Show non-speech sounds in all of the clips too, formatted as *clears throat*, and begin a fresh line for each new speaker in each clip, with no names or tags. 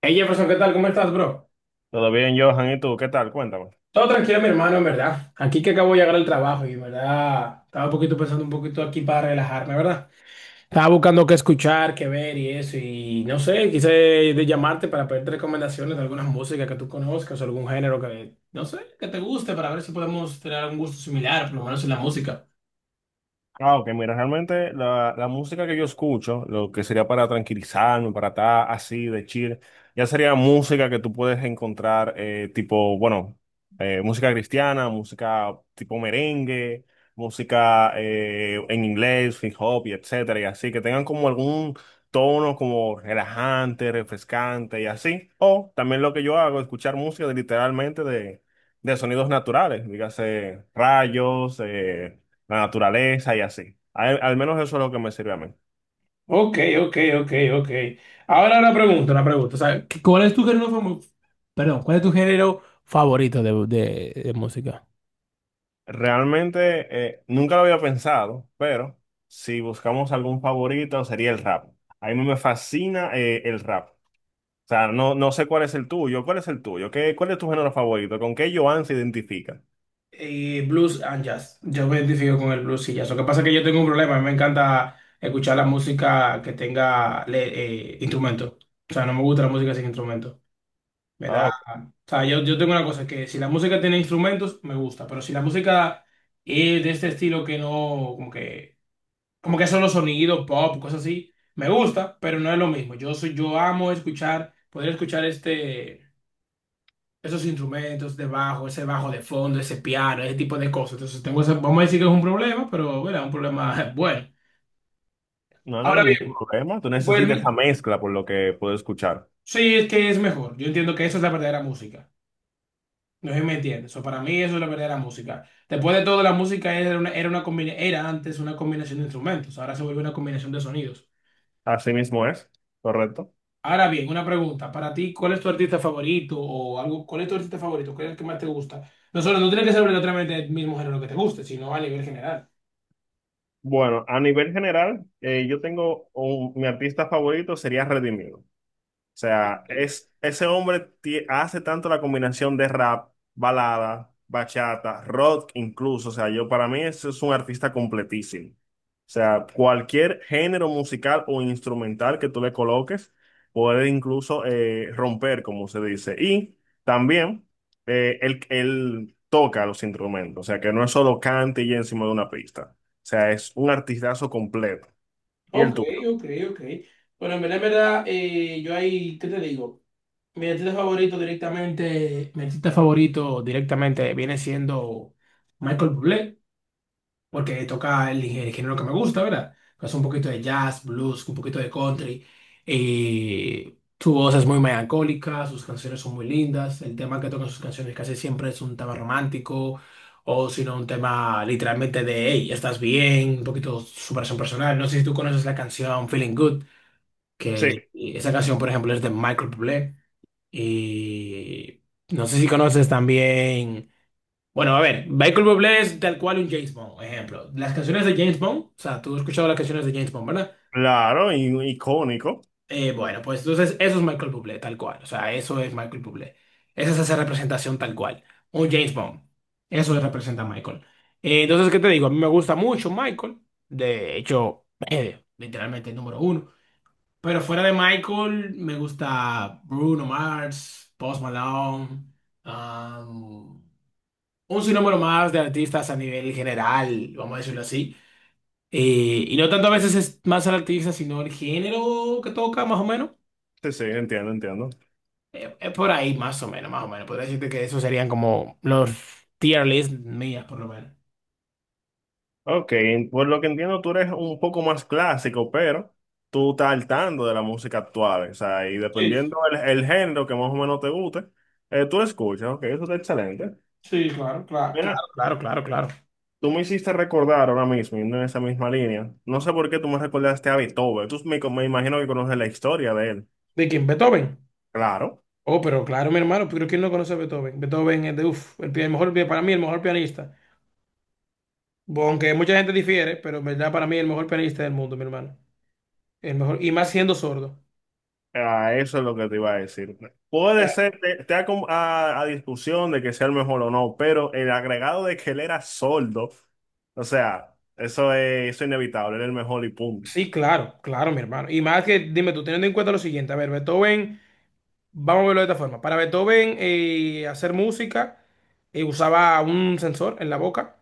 Hey Jefferson, ¿qué tal? ¿Cómo estás, bro?
Todo bien, Johan, ¿y tú? ¿Qué tal? Cuéntame.
Todo tranquilo, mi hermano, en verdad. Aquí que acabo de llegar al trabajo y, en verdad, estaba un poquito pensando un poquito aquí para relajarme, ¿verdad? Estaba buscando qué escuchar, qué ver y eso, y no sé, quise de llamarte para pedirte recomendaciones de algunas músicas que tú conozcas o algún género que, no sé, que te guste para ver si podemos tener algún gusto similar, por lo menos en la música.
Ah, ok, mira, realmente la música que yo escucho, lo que sería para tranquilizarme, para estar así de chill, ya sería música que tú puedes encontrar, tipo, música cristiana, música tipo merengue, música en inglés, hip hop y etcétera, y así, que tengan como algún tono como relajante, refrescante y así. O también lo que yo hago, escuchar música de, literalmente, de sonidos naturales, dígase rayos, la naturaleza y así. Al menos eso es lo que me sirve a mí.
Ok, ok, ok, ok. Ahora una pregunta, una pregunta. O sea, ¿cuál es tu género famo- perdón, ¿cuál es tu género favorito de, de música?
Realmente nunca lo había pensado, pero si buscamos algún favorito sería el rap. A mí me fascina el rap. O sea, no sé cuál es el tuyo, ¿Qué, cuál es tu género favorito, con qué Joan se identifica?
Y blues and jazz. Yo me identifico con el blues y jazz. Lo que pasa es que yo tengo un problema. A mí me encanta escuchar la música que tenga instrumento. O sea, no me gusta la música sin instrumento. Me da.
Ah,
O
ok.
sea, yo tengo una cosa que si la música tiene instrumentos, me gusta. Pero si la música es de este estilo que no, como que, como que son los sonidos pop, cosas así, me gusta, pero no es lo mismo. Yo soy, yo amo escuchar, poder escuchar esos instrumentos de bajo, ese bajo de fondo, ese piano, ese tipo de cosas. Entonces, vamos a decir que es un problema, pero bueno, un problema *laughs* bueno.
No, no es
Ahora bien,
ningún problema, tú
pues
necesitas esa mezcla por lo que puedo escuchar.
sí, es que es mejor. Yo entiendo que eso es la verdadera música. No sé si me entiendes. O sea, para mí eso es la verdadera música. Después de todo, la música era una, era antes una combinación de instrumentos, ahora se vuelve una combinación de sonidos.
Así mismo es, correcto.
Ahora bien, una pregunta. Para ti, ¿cuál es tu artista favorito o algo? ¿Cuál es tu artista favorito? ¿Cuál es el que más te gusta? No solo, no tiene que ser obligatoriamente el mismo género que te guste, sino a nivel general.
Bueno, a nivel general, mi artista favorito sería Redimido. O sea, hace tanto la combinación de rap, balada, bachata, rock incluso. O sea, yo para mí eso es un artista completísimo. O sea, cualquier género musical o instrumental que tú le coloques puede incluso romper, como se dice. Y también él toca los instrumentos. O sea, que no es solo cante y encima de una pista. O sea, es un artistazo completo. ¿Y el
Ok,
tuyo?
ok, ok. Bueno, en verdad, yo ahí, ¿qué te digo? Mi artista favorito directamente, mi artista favorito directamente viene siendo Michael Bublé porque toca el, género que me gusta, ¿verdad? Es un poquito de jazz, blues, un poquito de country. Y su voz es muy melancólica, sus canciones son muy lindas. El tema que toca en sus canciones casi siempre es un tema romántico o si no un tema literalmente de, hey, estás bien, un poquito superación personal. No sé si tú conoces la canción Feeling Good,
Sí,
que esa canción, por ejemplo, es de Michael Bublé. Y no sé si conoces también... Bueno, a ver, Michael Bublé es tal cual un James Bond, ejemplo. Las canciones de James Bond, o sea, tú has escuchado las canciones de James Bond, ¿verdad?
claro, y icónico.
Bueno, pues entonces eso es Michael Bublé, tal cual. O sea, eso es Michael Bublé. Esa es esa representación tal cual. Un James Bond. Eso le representa a Michael. Entonces, ¿qué te digo? A mí me gusta mucho Michael. De hecho, *clears throat* literalmente el número uno. Pero fuera de Michael, me gusta Bruno Mars, Post Malone. um, un sinnúmero más de artistas a nivel general, vamos a decirlo así. Y no tanto a veces es más el artista, sino el género que toca, más o menos.
Sí, sí, entiendo, entiendo.
Es por ahí, más o menos, más o menos. Podría decirte que esos serían como los tier list mías, por lo menos.
Ok, por lo que entiendo, tú eres un poco más clásico, pero tú estás al tanto de la música actual, o sea, y
Sí, sí,
dependiendo el género que más o menos te guste, tú lo escuchas, ok, eso está excelente.
sí, claro, claro.
Mira,
Claro, claro, claro, claro.
tú me hiciste recordar ahora mismo, yendo en esa misma línea, no sé por qué tú me recordaste a Beethoven, me imagino que conoces la historia de él,
¿De quién? Beethoven.
claro.
Oh, pero claro, mi hermano, pero ¿quién no conoce a Beethoven? Beethoven es de, uff, el mejor, para mí, el mejor pianista. Aunque mucha gente difiere, pero en verdad para mí el mejor pianista del mundo, mi hermano. El mejor, y más siendo sordo.
Ah, eso es lo que te iba a decir. Puede ser, te da como a discusión de que sea el mejor o no, pero el agregado de que él era sordo, o sea, eso es inevitable, él era el mejor y punto.
Sí, claro, claro, mi hermano. Y más que, dime tú, teniendo en cuenta lo siguiente, a ver, Beethoven, vamos a verlo de esta forma. Para Beethoven, hacer música, usaba un sensor en la boca,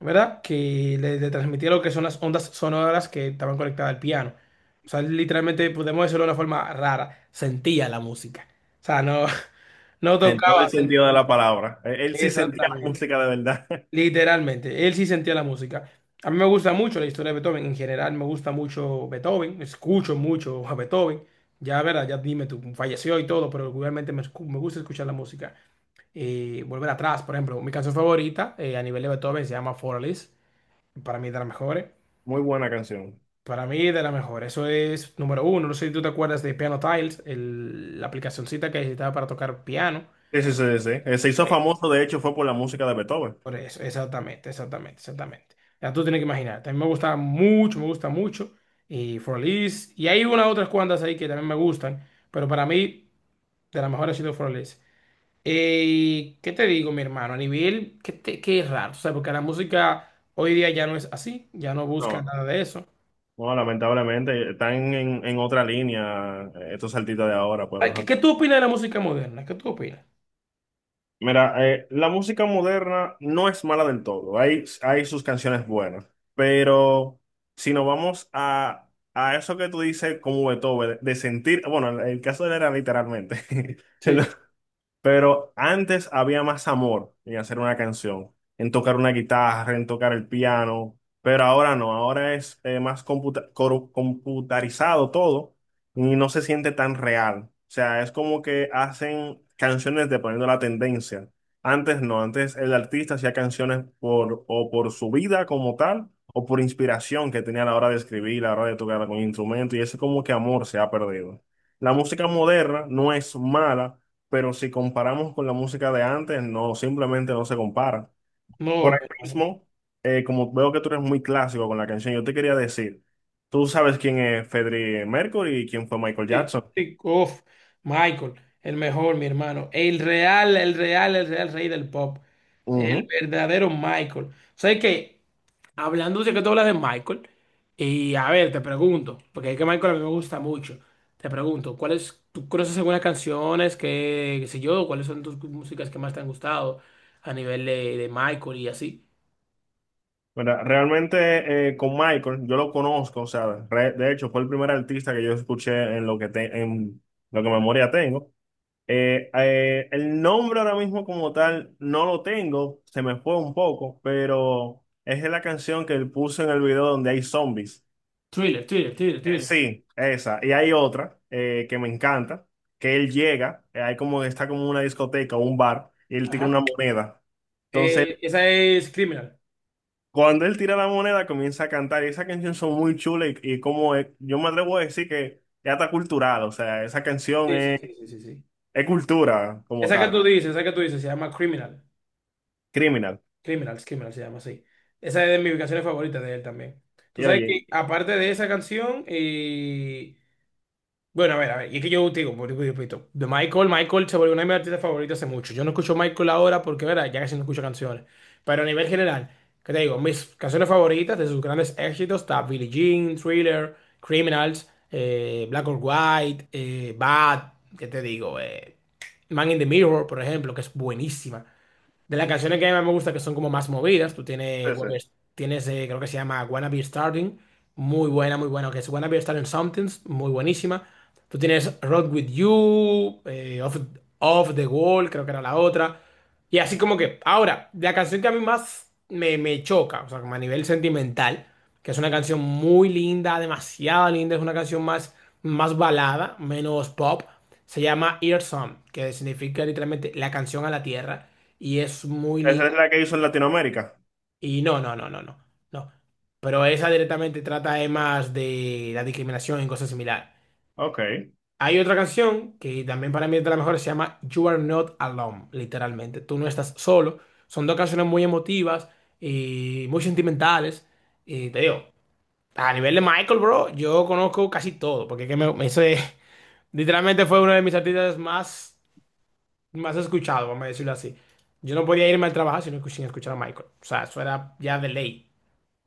¿verdad? Que le transmitía lo que son las ondas sonoras que estaban conectadas al piano. O sea, literalmente, podemos decirlo de una forma rara, sentía la música. O sea, no, *laughs* no
En todo
tocaba
el sentido de
simplemente.
la palabra. Él sí sentía la
Exactamente.
música de verdad. *laughs*
Literalmente, él sí sentía la música. A mí me gusta mucho la historia de Beethoven, en general me gusta mucho Beethoven, escucho mucho a Beethoven. Ya, verdad, ya dime tú, falleció y todo, pero regularmente me gusta escuchar la música. Volver atrás, por ejemplo, mi canción favorita a nivel de Beethoven se llama Forlis, para mí de las mejores.
Muy buena canción.
Para mí de las mejores, eso es número uno. No sé si tú te acuerdas de Piano Tiles, la aplicacioncita que necesitaba para tocar piano.
Sí, sí, sí, sí. Se hizo famoso, de hecho, fue por la música de Beethoven.
Por eso, exactamente, exactamente, exactamente. Ya tú tienes que imaginar. También me gusta mucho, me gusta mucho. Y Forlis. Y hay unas otras cuantas ahí que también me gustan. Pero para mí, de las mejores ha sido Forlis. ¿Qué te digo, mi hermano? A nivel, qué, te- Qué raro. O sea, porque la música hoy día ya no es así. Ya no busca
No,
nada de eso.
no, lamentablemente, están en otra línea estos artistas de ahora, pero
Ay,
ajá.
¿qué tú opinas de la música moderna? ¿Qué tú opinas?
Mira, la música moderna no es mala del todo. Hay sus canciones buenas. Pero si nos vamos a eso que tú dices como Beethoven, de sentir, bueno, el caso de él era literalmente. *laughs*
Sí.
Pero antes había más amor en hacer una canción, en tocar una guitarra, en tocar el piano, pero ahora no, ahora es computarizado todo y no se siente tan real. O sea, es como que hacen canciones dependiendo de la tendencia. Antes no, antes el artista hacía canciones por, o por su vida como tal, o por inspiración que tenía a la hora de escribir, a la hora de tocar con instrumento, y ese como que amor se ha perdido. La música moderna no es mala pero si comparamos con la música de antes, no, simplemente no se compara.
No,
Por
mi
ahí
hermano.
mismo, como veo que tú eres muy clásico con la canción, yo te quería decir, tú sabes quién es Freddie Mercury y quién fue Michael
Sí,
Jackson.
sí, uf, Michael, el mejor, mi hermano. El real, el real, el real rey del pop. El
Ujú.
verdadero Michael. O sea que, hablando de que tú hablas de Michael, y a ver, te pregunto, porque es que Michael a mí me gusta mucho. Te pregunto, ¿tú conoces algunas canciones que, qué sé yo, cuáles son tus músicas que más te han gustado a nivel de Michael y así?
¿Verdad? Realmente con Michael, yo lo conozco, o sea, de hecho fue el primer artista que yo escuché en lo que, en lo que memoria tengo. El nombre ahora mismo como tal no lo tengo, se me fue un poco, pero es la canción que él puso en el video donde hay zombies.
Thriller, thriller, thriller, thriller.
Sí, esa. Y hay otra que me encanta, que él llega, hay como está como una discoteca o un bar, y él tira una
Ajá.
moneda. Entonces,
Esa es Criminal.
cuando él tira la moneda, comienza a cantar. Y esa canción son muy chulas y, yo me atrevo a decir que ya está cultural, o sea, esa canción
Sí, sí, sí, sí, sí, sí.
es cultura como
Esa que
tal,
tú dices, esa que tú dices, se llama Criminal.
criminal.
Criminals, Criminal se llama así. Esa es de mis canciones favoritas de él también. Tú
Y
sabes que,
oye,
aparte de esa canción, y. Bueno, a ver, y es que yo te digo, vuelvo y repito, de Michael, Michael se volvió una de mis artistas favoritos hace mucho. Yo no escucho Michael ahora porque, verdad, ya casi no escucho canciones. Pero a nivel general, ¿qué te digo? Mis canciones favoritas de sus grandes éxitos está Billie Jean, Thriller, Criminals, Black or White, Bad, ¿qué te digo? Man in the Mirror, por ejemplo, que es buenísima. De las canciones que más me gusta, que son como más movidas, tú tienes,
sí, sí.
creo que se llama Wanna Be Starting, muy buena, que es Wanna Be Starting Somethings, muy buenísima. Tú tienes Road With You, Off the Wall, creo que era la otra. Y así como que, ahora, la canción que a mí más me choca, o sea, como a nivel sentimental, que es una canción muy linda, demasiado linda, es una canción más, más balada, menos pop, se llama Ear Song, que significa literalmente la canción a la tierra y es muy
Esa
linda.
es la que hizo en Latinoamérica.
Y no, no, no, no, no, no. Pero esa directamente trata más de la discriminación y cosas similares.
Ok,
Hay otra canción que también para mí es de las mejores, se llama You Are Not Alone, literalmente. Tú no estás solo. Son dos canciones muy emotivas y muy sentimentales. Y te digo, a nivel de Michael, bro, yo conozco casi todo, porque es que *laughs* literalmente fue uno de mis artistas más más escuchado, vamos a decirlo así. Yo no podía irme al trabajo sin escuchar a Michael. O sea, eso era ya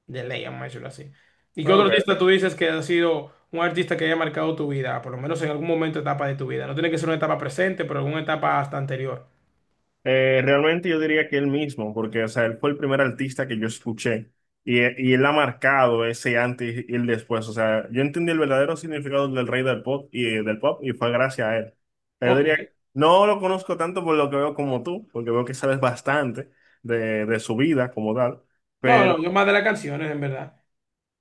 de ley, vamos a decirlo así. ¿Y qué otro
ok.
artista tú dices que ha sido un artista que haya marcado tu vida, por lo menos en algún momento, etapa de tu vida? No tiene que ser una etapa presente, pero alguna etapa hasta anterior.
Realmente yo diría que él mismo, porque o sea, él fue el primer artista que yo escuché y él ha marcado ese antes y el después. O sea, yo entendí el verdadero significado del rey del pop y fue gracias a él. Yo
Ok.
diría, no lo conozco tanto por lo que veo como tú, porque veo que sabes bastante de su vida como tal,
No, no,
pero,
yo más de las canciones, en verdad.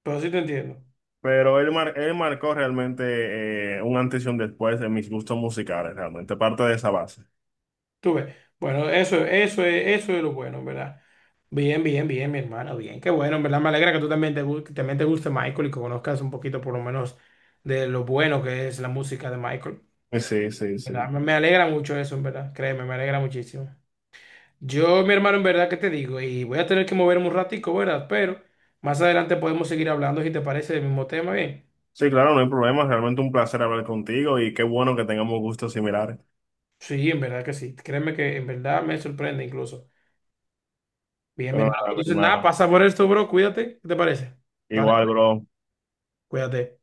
Pero sí te entiendo.
pero él marcó realmente un antes y un después en mis gustos musicales, realmente parte de esa base.
Tú ves. Bueno, eso, eso es lo bueno, ¿verdad? Bien, bien, bien, mi hermano, bien. Qué bueno, en ¿verdad? Me alegra que tú también que también te guste Michael y que conozcas un poquito, por lo menos, de lo bueno que es la música de Michael,
Sí, sí,
¿verdad?
sí.
Me alegra mucho eso, en ¿verdad? Créeme, me alegra muchísimo. Yo, mi hermano, en verdad, ¿qué te digo? Y voy a tener que moverme un ratico, ¿verdad? Pero más adelante podemos seguir hablando, si te parece, del mismo tema, bien.
Sí, claro, no hay problema. Realmente un placer hablar contigo y qué bueno que tengamos gustos similares.
Sí, en verdad que sí. Créeme que en verdad me sorprende incluso. Bien, mi
Pero
hermano, pues,
nada, mi
entonces, nada,
hermano.
pasa por esto, bro. Cuídate. ¿Qué te parece? Dale.
Igual, bro.
Cuídate.